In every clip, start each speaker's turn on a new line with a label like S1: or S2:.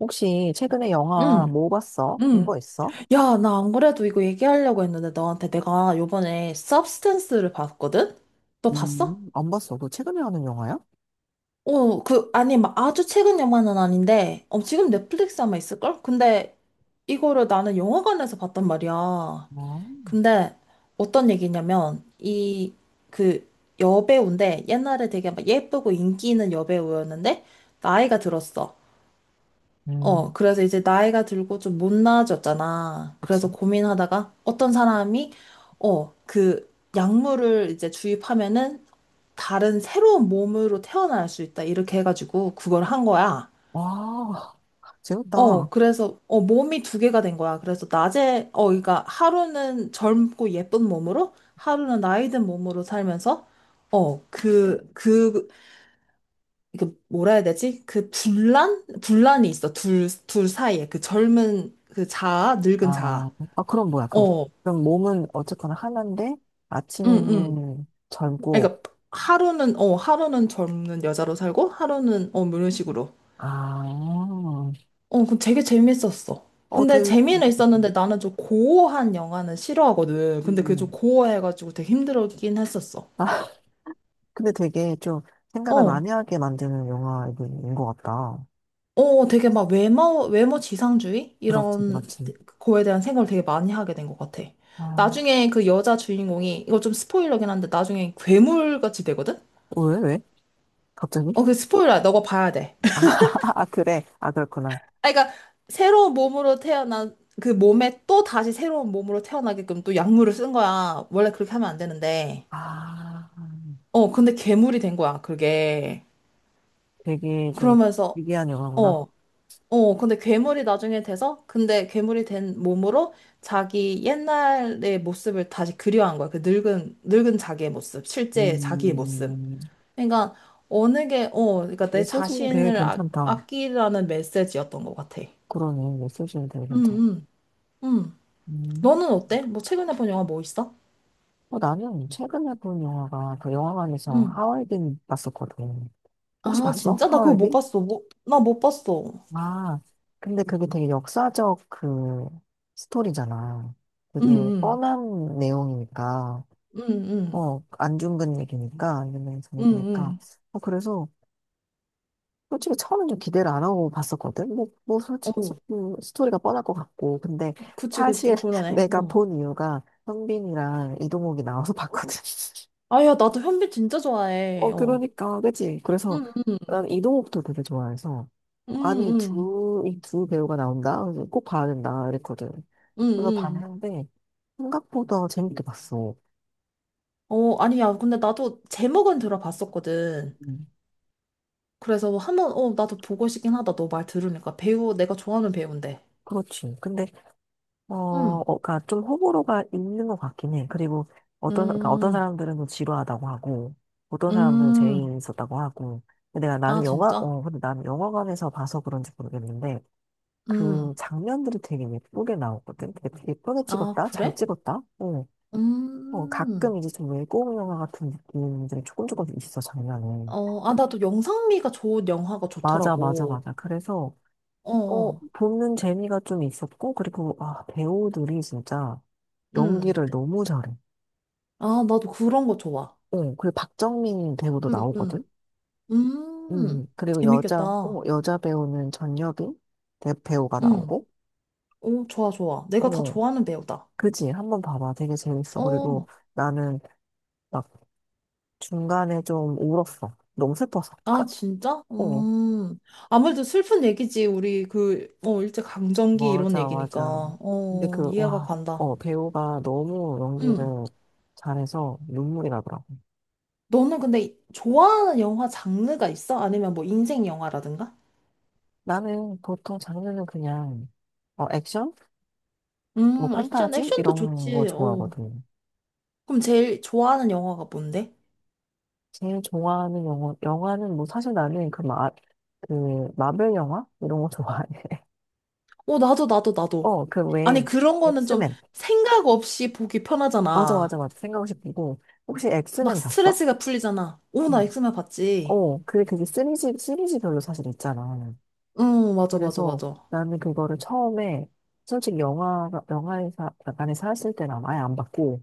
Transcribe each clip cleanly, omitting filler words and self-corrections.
S1: 혹시 최근에 영화
S2: 응,
S1: 뭐 봤어? 본
S2: 응.
S1: 거 있어?
S2: 야, 나 안 그래도 이거 얘기하려고 했는데 너한테 내가 요번에 서브스턴스를 봤거든? 너 봤어?
S1: 안 봤어. 너 최근에 하는 영화야?
S2: 아니, 막 아주 최근 영화는 아닌데, 지금 넷플릭스 아마 있을걸? 근데 이거를 나는 영화관에서 봤단 말이야.
S1: 뭐,
S2: 근데 어떤 얘기냐면, 그, 여배우인데, 옛날에 되게 막 예쁘고 인기 있는 여배우였는데, 나이가 들었어.
S1: 음,
S2: 그래서 이제 나이가 들고 좀 못나아졌잖아.
S1: 그치.
S2: 그래서 고민하다가 어떤 사람이, 그 약물을 이제 주입하면은 다른 새로운 몸으로 태어날 수 있다. 이렇게 해가지고 그걸 한 거야.
S1: 와, 재밌다.
S2: 그래서, 몸이 두 개가 된 거야. 그래서 낮에, 그러니까 하루는 젊고 예쁜 몸으로, 하루는 나이 든 몸으로 살면서, 어, 그, 그 뭐라 해야 되지? 그 분란? 분란이 있어. 둘 사이에. 그 젊은 그 자아, 늙은 자아.
S1: 아, 그럼 뭐야, 그럼.
S2: 어.
S1: 그럼 몸은 어쨌거나 하나인데,
S2: 응, 응.
S1: 아침에는 젊고,
S2: 그러니까 하루는, 하루는 젊은 여자로 살고, 하루는, 뭐 이런 식으로.
S1: 아,
S2: 되게 재밌었어.
S1: 어,
S2: 근데
S1: 되게,
S2: 재미는 있었는데 나는 좀 고어한 영화는 싫어하거든. 근데 그게 좀
S1: 음,
S2: 고어해가지고 되게 힘들긴 했었어.
S1: 아, 근데 되게 좀 생각을
S2: 어.
S1: 많이 하게 만드는 영화인 것 같다.
S2: 되게 막 외모 지상주의?
S1: 그렇지,
S2: 이런
S1: 그렇지.
S2: 거에 대한 생각을 되게 많이 하게 된 것 같아.
S1: 아,
S2: 나중에 그 여자 주인공이, 이거 좀 스포일러긴 한데, 나중에 괴물같이 되거든?
S1: 왜? 갑자기?
S2: 그 스포일러야. 너가 봐야 돼.
S1: 아, 아, 그래. 아, 그렇구나.
S2: 그러니까, 새로운 몸으로 태어난, 그 몸에 또 다시 새로운 몸으로 태어나게끔 또 약물을 쓴 거야. 원래 그렇게 하면 안 되는데.
S1: 아,
S2: 근데 괴물이 된 거야, 그게.
S1: 되게 저
S2: 그러면서,
S1: 특이한 영화구나.
S2: 어, 근데 괴물이 나중에 돼서, 근데 괴물이 된 몸으로 자기 옛날의 모습을 다시 그리워한 거야. 그 늙은 자기의 모습, 실제 자기의 모습.
S1: 음,
S2: 그러니까, 어느 게, 그러니까 내
S1: 메시지는 되게
S2: 자신을
S1: 괜찮다.
S2: 아끼라는 메시지였던 것 같아.
S1: 그러네, 메시지는 되게
S2: 응,
S1: 괜찮아.
S2: 응, 응.
S1: 음,
S2: 너는 어때? 뭐 최근에 본 영화 뭐 있어?
S1: 어, 나는 최근에 본 영화가 그 영화관에서
S2: 응.
S1: 하와이든 봤었거든. 혹시
S2: 아,
S1: 봤어?
S2: 진짜? 나 그거 못
S1: 하와이든?
S2: 봤어. 뭐, 나 못 봤어.
S1: 아, 근데 그게 되게 역사적 그 스토리잖아.
S2: 응,
S1: 되게
S2: 응,
S1: 뻔한 내용이니까,
S2: 응, 응,
S1: 어, 안중근 얘기니까, 안중근
S2: 응,
S1: 얘되니까
S2: 응.
S1: 어, 그래서 솔직히 처음엔 좀 기대를 안 하고 봤었거든. 뭐, 솔직히,
S2: 어,
S1: 스토리가 뻔할 것 같고. 근데
S2: 그치, 그치,
S1: 사실
S2: 그러네.
S1: 내가
S2: 어.
S1: 본 이유가 형빈이랑 이동욱이 나와서 봤거든.
S2: 아야, 나도 현빈 진짜 좋아해.
S1: 어,
S2: 어.
S1: 그러니까, 그치? 그래서
S2: 응응
S1: 난 이동욱도 되게 좋아해서.
S2: 응
S1: 아니, 이 두 배우가 나온다? 그래서 꼭 봐야 된다. 이랬거든.
S2: 응
S1: 그래서
S2: 응
S1: 봤는데, 생각보다 재밌게 봤어.
S2: 어, 아니야. 근데 나도 제목은 들어봤었거든.
S1: 음,
S2: 그래서 한번, 나도 보고 싶긴 하다. 너 말 들으니까. 배우, 내가 좋아하는 배우인데.
S1: 그렇지. 근데 어, 어,
S2: 응.
S1: 그러니까 좀 호불호가 있는 것 같긴 해. 그리고 어떤, 그러니까 어떤
S2: 음,
S1: 사람들은 좀 지루하다고 하고, 어떤 사람들은
S2: 음.
S1: 재미있었다고 하고. 근데 내가
S2: 아,
S1: 나는 영화,
S2: 진짜?
S1: 어, 근데 나는 영화관에서 봐서 그런지 모르겠는데,
S2: 음.
S1: 그 장면들이 되게 예쁘게 나오거든. 되게 예쁘게
S2: 아,
S1: 찍었다? 잘
S2: 그래?
S1: 찍었다? 어, 어,
S2: 음.
S1: 가끔 이제 좀 외국 영화 같은 느낌들이 조금 있어, 장면에.
S2: 아, 나도 영상미가 좋은 영화가
S1: 맞아, 맞아,
S2: 좋더라고.
S1: 맞아. 그래서,
S2: 어,
S1: 어,
S2: 어.
S1: 보는 재미가 좀 있었고, 그리고, 아, 배우들이 진짜
S2: 음.
S1: 연기를 너무 잘해.
S2: 아, 나도 그런 거 좋아.
S1: 어, 그리고 박정민 배우도
S2: 음,
S1: 나오거든?
S2: 음. 음.
S1: 그리고 여자, 어,
S2: 재밌겠다.
S1: 여자 배우는 전여빈 배우가
S2: 음.
S1: 나오고,
S2: 오, 좋아, 좋아. 내가 다
S1: 어,
S2: 좋아하는 배우다.
S1: 그지? 한번 봐봐. 되게 재밌어. 그리고
S2: 어,
S1: 나는 막 중간에 좀 울었어. 너무 슬퍼서.
S2: 아, 진짜?
S1: 어,
S2: 아무래도 슬픈 얘기지. 우리 일제강점기 이런
S1: 맞아,
S2: 얘기니까.
S1: 맞아. 근데 그,
S2: 이해가
S1: 와,
S2: 간다.
S1: 어, 배우가 너무
S2: 음,
S1: 연기를 잘해서 눈물이 나더라고.
S2: 너는 근데 좋아하는 영화 장르가 있어? 아니면 뭐 인생 영화라든가?
S1: 나는 보통 장르는 그냥, 어, 액션? 뭐,
S2: 액션,
S1: 판타지?
S2: 액션도
S1: 이런 거
S2: 좋지. 어.
S1: 좋아하거든.
S2: 그럼 제일 좋아하는 영화가 뭔데?
S1: 제일 좋아하는 영화, 영화는 뭐 사실 나는 그 마블 영화? 이런 거 좋아해.
S2: 어, 나도, 나도, 나도.
S1: 어, 그
S2: 아니,
S1: 왜,
S2: 그런 거는 좀
S1: 엑스맨.
S2: 생각 없이 보기
S1: 맞아, 맞아,
S2: 편하잖아.
S1: 맞아. 생각하싶고 혹시
S2: 막
S1: 엑스맨 봤어?
S2: 스트레스가 풀리잖아. 오, 나
S1: 응.
S2: 엑스맨 봤지.
S1: 어, 그게 시리즈별로 사실 있잖아.
S2: 응, 맞아, 맞아,
S1: 그래서
S2: 맞아.
S1: 나는 그거를 처음에, 솔직히 안에서 했을 때는 아예 안 봤고,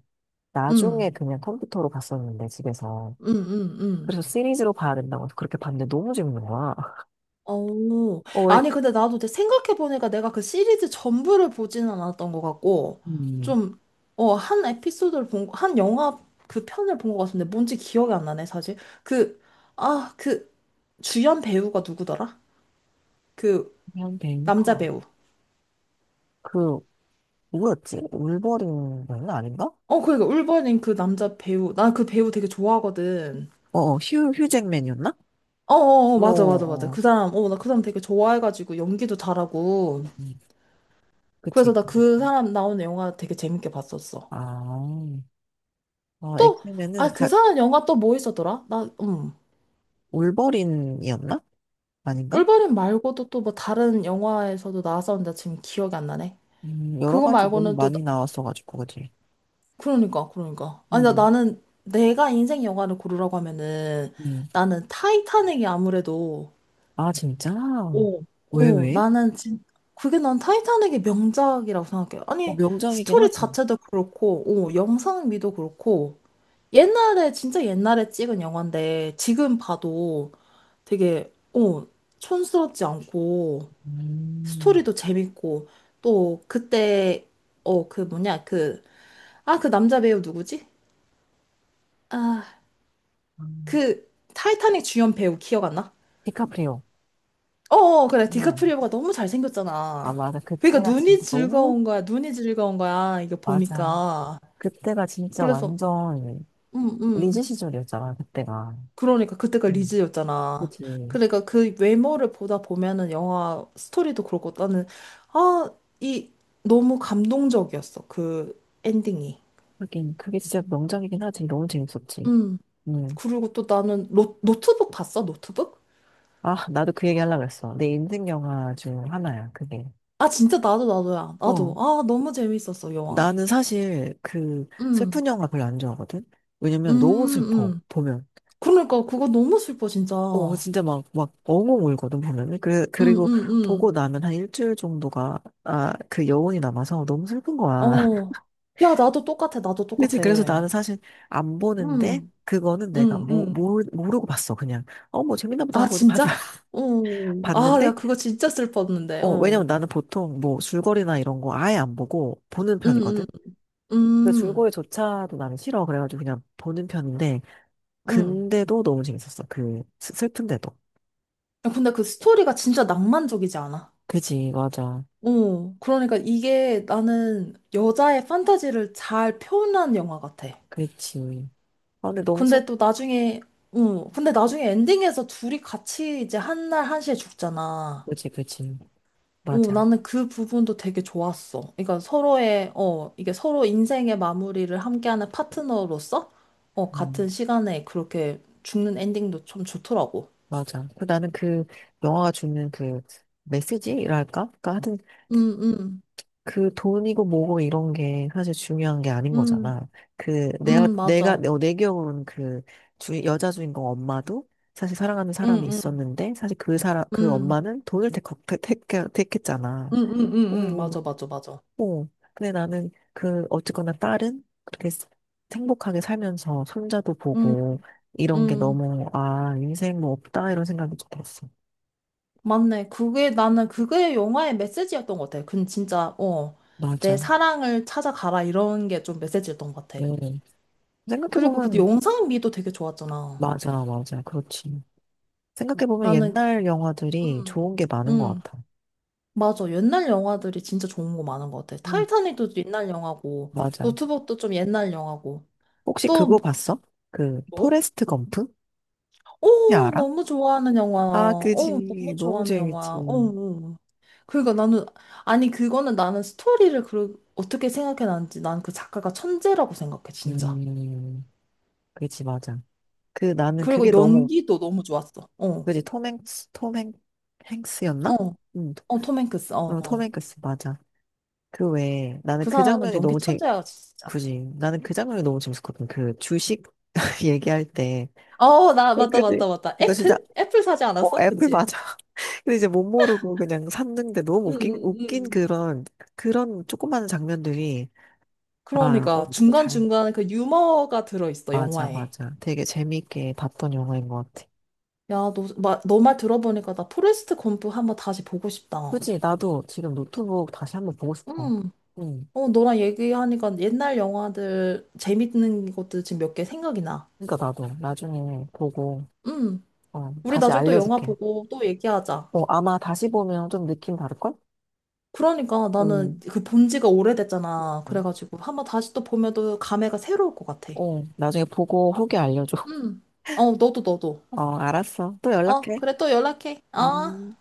S1: 나중에
S2: 응,
S1: 그냥 컴퓨터로 봤었는데, 집에서.
S2: 응, 응, 응.
S1: 그래서 시리즈로 봐야 된다고 해서 그렇게 봤는데 너무 재밌는 거야.
S2: 어,
S1: 어,
S2: 아니, 근데 나도 이제 생각해보니까 내가 그 시리즈 전부를 보지는 않았던 것 같고,
S1: 음,
S2: 좀, 한 에피소드를 본, 한 영화 그 편을 본 것 같은데, 뭔지 기억이 안 나네, 사실. 그, 아, 주연 배우가 누구더라? 그,
S1: 그냥 베인
S2: 남자
S1: 커.
S2: 배우.
S1: 그 누구였지? 울버린은 아닌가?
S2: 그러니까, 울버린 그 남자 배우. 나 그 배우 되게 좋아하거든.
S1: 어, 어, 휴잭맨이었나?
S2: 어어어,
S1: 어,
S2: 맞아, 맞아, 맞아.
S1: 어.
S2: 그 사람, 나 그 사람 되게 좋아해가지고, 연기도 잘하고.
S1: 음, 음. 그치.
S2: 그래서 나 그 사람 나오는 영화 되게 재밌게 봤었어.
S1: 아, 어,
S2: 또, 아, 그 사람 영화 또 뭐 있었더라?
S1: 울버린이었나? 아닌가?
S2: 울버린 말고도 또 뭐 다른 영화에서도 나왔었는데 지금 기억이 안 나네.
S1: 여러
S2: 그거
S1: 가지 너무
S2: 말고는 또,
S1: 많이 나왔어가지고, 그치.
S2: 그러니까, 아니,
S1: 음,
S2: 나는 내가 인생 영화를 고르라고 하면은
S1: 음.
S2: 나는 타이타닉이 아무래도,
S1: 아, 진짜?
S2: 오.
S1: 왜,
S2: 오
S1: 왜?
S2: 그게 난 타이타닉의 명작이라고 생각해.
S1: 어,
S2: 아니,
S1: 명작이긴
S2: 스토리
S1: 하지.
S2: 자체도 그렇고, 오 영상미도 그렇고, 옛날에, 진짜 옛날에 찍은 영화인데, 지금 봐도 되게, 촌스럽지 않고,
S1: 음,
S2: 스토리도 재밌고, 또, 그때, 어, 그 뭐냐, 그, 아, 남자 배우 누구지? 아,
S1: 음.
S2: 타이타닉 주연 배우 기억 안 나?
S1: 디카프리오.
S2: 어어, 그래,
S1: 음.
S2: 디카프리오가 너무
S1: 아,
S2: 잘생겼잖아.
S1: 맞아.
S2: 그러니까
S1: 그때가
S2: 눈이
S1: 진짜 너무,
S2: 즐거운 거야, 눈이 즐거운 거야, 이게
S1: 맞아.
S2: 보니까.
S1: 그때가 진짜
S2: 그래서.
S1: 완전
S2: 음,
S1: 리즈
S2: 음.
S1: 시절이었잖아, 그때가.
S2: 그러니까 그때가
S1: 음.
S2: 리즈였잖아.
S1: 그치.
S2: 그러니까 그 외모를 보다 보면은 영화 스토리도 그렇고 나는 아, 이 너무 감동적이었어. 그 엔딩이.
S1: 하긴, 그게 진짜 명작이긴 하지. 너무 재밌었지.
S2: 음.
S1: 음.
S2: 그리고 또 나는 노트북 봤어? 노트북?
S1: 아, 나도 그 얘기 하려고 했어. 내 인생 영화 중 하나야, 그게.
S2: 아, 진짜 나도 나도야.
S1: 어.
S2: 나도. 아, 너무 재밌었어, 영화.
S1: 나는 사실 그
S2: 음.
S1: 슬픈 영화 별로 안 좋아하거든?
S2: 음,
S1: 왜냐면 너무 슬퍼,
S2: 음.
S1: 보면.
S2: 그러니까 그거 너무 슬퍼, 진짜.
S1: 어, 진짜 막, 막 엉엉 울거든, 보면은. 그,
S2: 음,
S1: 그리고 보고
S2: 음,
S1: 나면 한 1주일 정도가, 아, 그 여운이 남아서 너무 슬픈 거야.
S2: 어. 야, 나도 똑같아. 나도
S1: 그치.
S2: 똑같아.
S1: 그래서 나는 사실 안 보는데,
S2: 음.
S1: 그거는 내가
S2: 음, 음.
S1: 모르고 봤어, 그냥. 어, 뭐 재밌나 보다
S2: 아,
S1: 하고 이제 봤,
S2: 진짜? 어. 아,
S1: 봤는데,
S2: 내가 그거 진짜 슬펐는데.
S1: 어, 왜냐면
S2: 어.
S1: 나는 보통 뭐 줄거리나 이런 거 아예 안 보고 보는
S2: 음,
S1: 편이거든?
S2: 음,
S1: 근데
S2: 음,
S1: 줄거리조차도 나는 싫어. 그래가지고 그냥 보는 편인데,
S2: 음.
S1: 근데도 너무 재밌었어. 슬픈데도.
S2: 야, 근데 그 스토리가 진짜 낭만적이지 않아?
S1: 그지, 맞아.
S2: 어. 그러니까 이게 나는 여자의 판타지를 잘 표현한 영화 같아.
S1: 그렇지. 아, 근데 너무 슬,
S2: 근데 또 나중에, 어. 근데 나중에 엔딩에서 둘이 같이 이제 한날 한시에 죽잖아.
S1: 그지, 그지.
S2: 오,
S1: 맞아.
S2: 나는 그 부분도 되게 좋았어. 그러니까 서로의, 이게 서로 인생의 마무리를 함께하는 파트너로서, 같은
S1: 음,
S2: 시간에 그렇게 죽는 엔딩도 좀 좋더라고.
S1: 맞아. 그 나는 그 영화가 주는 그 메시지랄까? 그러니까 하여튼
S2: 응, 응,
S1: 그 돈이고 뭐고 이런 게 사실 중요한 게 아닌
S2: 응,
S1: 거잖아. 그 내가
S2: 응,
S1: 내가
S2: 맞아.
S1: 어, 내 기억으로는 그 주, 여자 주인공 엄마도 사실 사랑하는
S2: 응,
S1: 사람이
S2: 응,
S1: 있었는데 사실 그 사람 그
S2: 응,
S1: 엄마는 돈을 택, 택, 택, 택했잖아.
S2: 응, 응, 응, 응,
S1: 응, 응.
S2: 맞아, 맞아, 맞아.
S1: 어. 근데 나는 그 어쨌거나 딸은 그렇게 행복하게 살면서 손자도
S2: 응,
S1: 보고 이런 게
S2: 응,
S1: 너무 아 인생 뭐 없다 이런 생각이 좀 들었어.
S2: 맞네. 그게 나는 그게 영화의 메시지였던 것 같아. 근 진짜, 내
S1: 맞아.
S2: 사랑을 찾아가라 이런 게 좀 메시지였던 것 같아.
S1: 응. 생각해
S2: 그리고 그
S1: 보면
S2: 영상미도 되게 좋았잖아.
S1: 맞아 맞아 그렇지. 생각해보면
S2: 나는
S1: 옛날 영화들이
S2: 음.
S1: 좋은 게 많은 것
S2: 응,
S1: 같아.
S2: 맞아. 옛날 영화들이 진짜 좋은 거 많은 것 같아.
S1: 음.
S2: 타이타닉도 옛날 영화고,
S1: 맞아.
S2: 노트북도 좀 옛날 영화고.
S1: 혹시
S2: 또,
S1: 그거 봤어? 그,
S2: 뭐?
S1: 포레스트 검프? 혹시
S2: 오,
S1: 알아?
S2: 너무 좋아하는 영화.
S1: 아,
S2: 어, 너무
S1: 그지. 너무
S2: 좋아하는
S1: 재밌지.
S2: 영화. 어, 어. 어. 그러니까 나는, 아니, 그거는 나는 스토리를 어떻게 생각해놨는지 난 그 작가가 천재라고 생각해, 진짜.
S1: 음, 그지, 맞아. 그, 나는
S2: 그리고
S1: 그게 너무,
S2: 연기도 너무 좋았어. 어,
S1: 그지, 톰 행스, 톰 행,
S2: 어,
S1: 행스였나? 응,
S2: 어, 톰 행크스. 어,
S1: 어, 톰
S2: 어.
S1: 행크스, 맞아. 그 외에, 나는
S2: 그
S1: 그
S2: 사람은
S1: 장면이
S2: 연기
S1: 너무 재,
S2: 천재야, 진짜.
S1: 그지. 나는 그 장면이 너무 재밌었거든. 그, 주식 얘기할 때.
S2: 어,
S1: 어,
S2: 맞다,
S1: 그지.
S2: 맞다, 맞다.
S1: 이거 진짜,
S2: 애플? 애플 사지
S1: 어,
S2: 않았어?
S1: 애플
S2: 그치?
S1: 맞아. 근데 이제 못 모르고 그냥 샀는데 너무
S2: 음, 음,
S1: 웃긴
S2: 음.
S1: 그런, 그런 조그마한 장면들이, 아, 어,
S2: 그러니까
S1: 그 잘,
S2: 중간중간에 그 유머가 들어있어,
S1: 맞아,
S2: 영화에.
S1: 맞아. 되게 재밌게 봤던 영화인 것 같아.
S2: 야, 너말 들어보니까 나 포레스트 검프 한번 다시 보고 싶다.
S1: 그치, 나도 지금 노트북 다시 한번 보고 싶어.
S2: 음.
S1: 응.
S2: 너랑 얘기하니까 옛날 영화들 재밌는 것들 지금 몇 개 생각이 나.
S1: 그러니까 나도 나중에 보고,
S2: 음.
S1: 어,
S2: 우리
S1: 다시
S2: 나중에 또 영화
S1: 알려줄게.
S2: 보고 또 얘기하자.
S1: 어, 아마 다시 보면 좀 느낌 다를걸?
S2: 그러니까 나는
S1: 응.
S2: 그 본 지가 오래됐잖아. 그래가지고 한번 다시 또 보면 또 감회가 새로울 것 같아.
S1: 어, 나중에 보고 후기 알려줘.
S2: 음. 어, 너도 너도.
S1: 어, 알았어. 또
S2: 어,
S1: 연락해.
S2: 그래 또 연락해. 어.
S1: 음.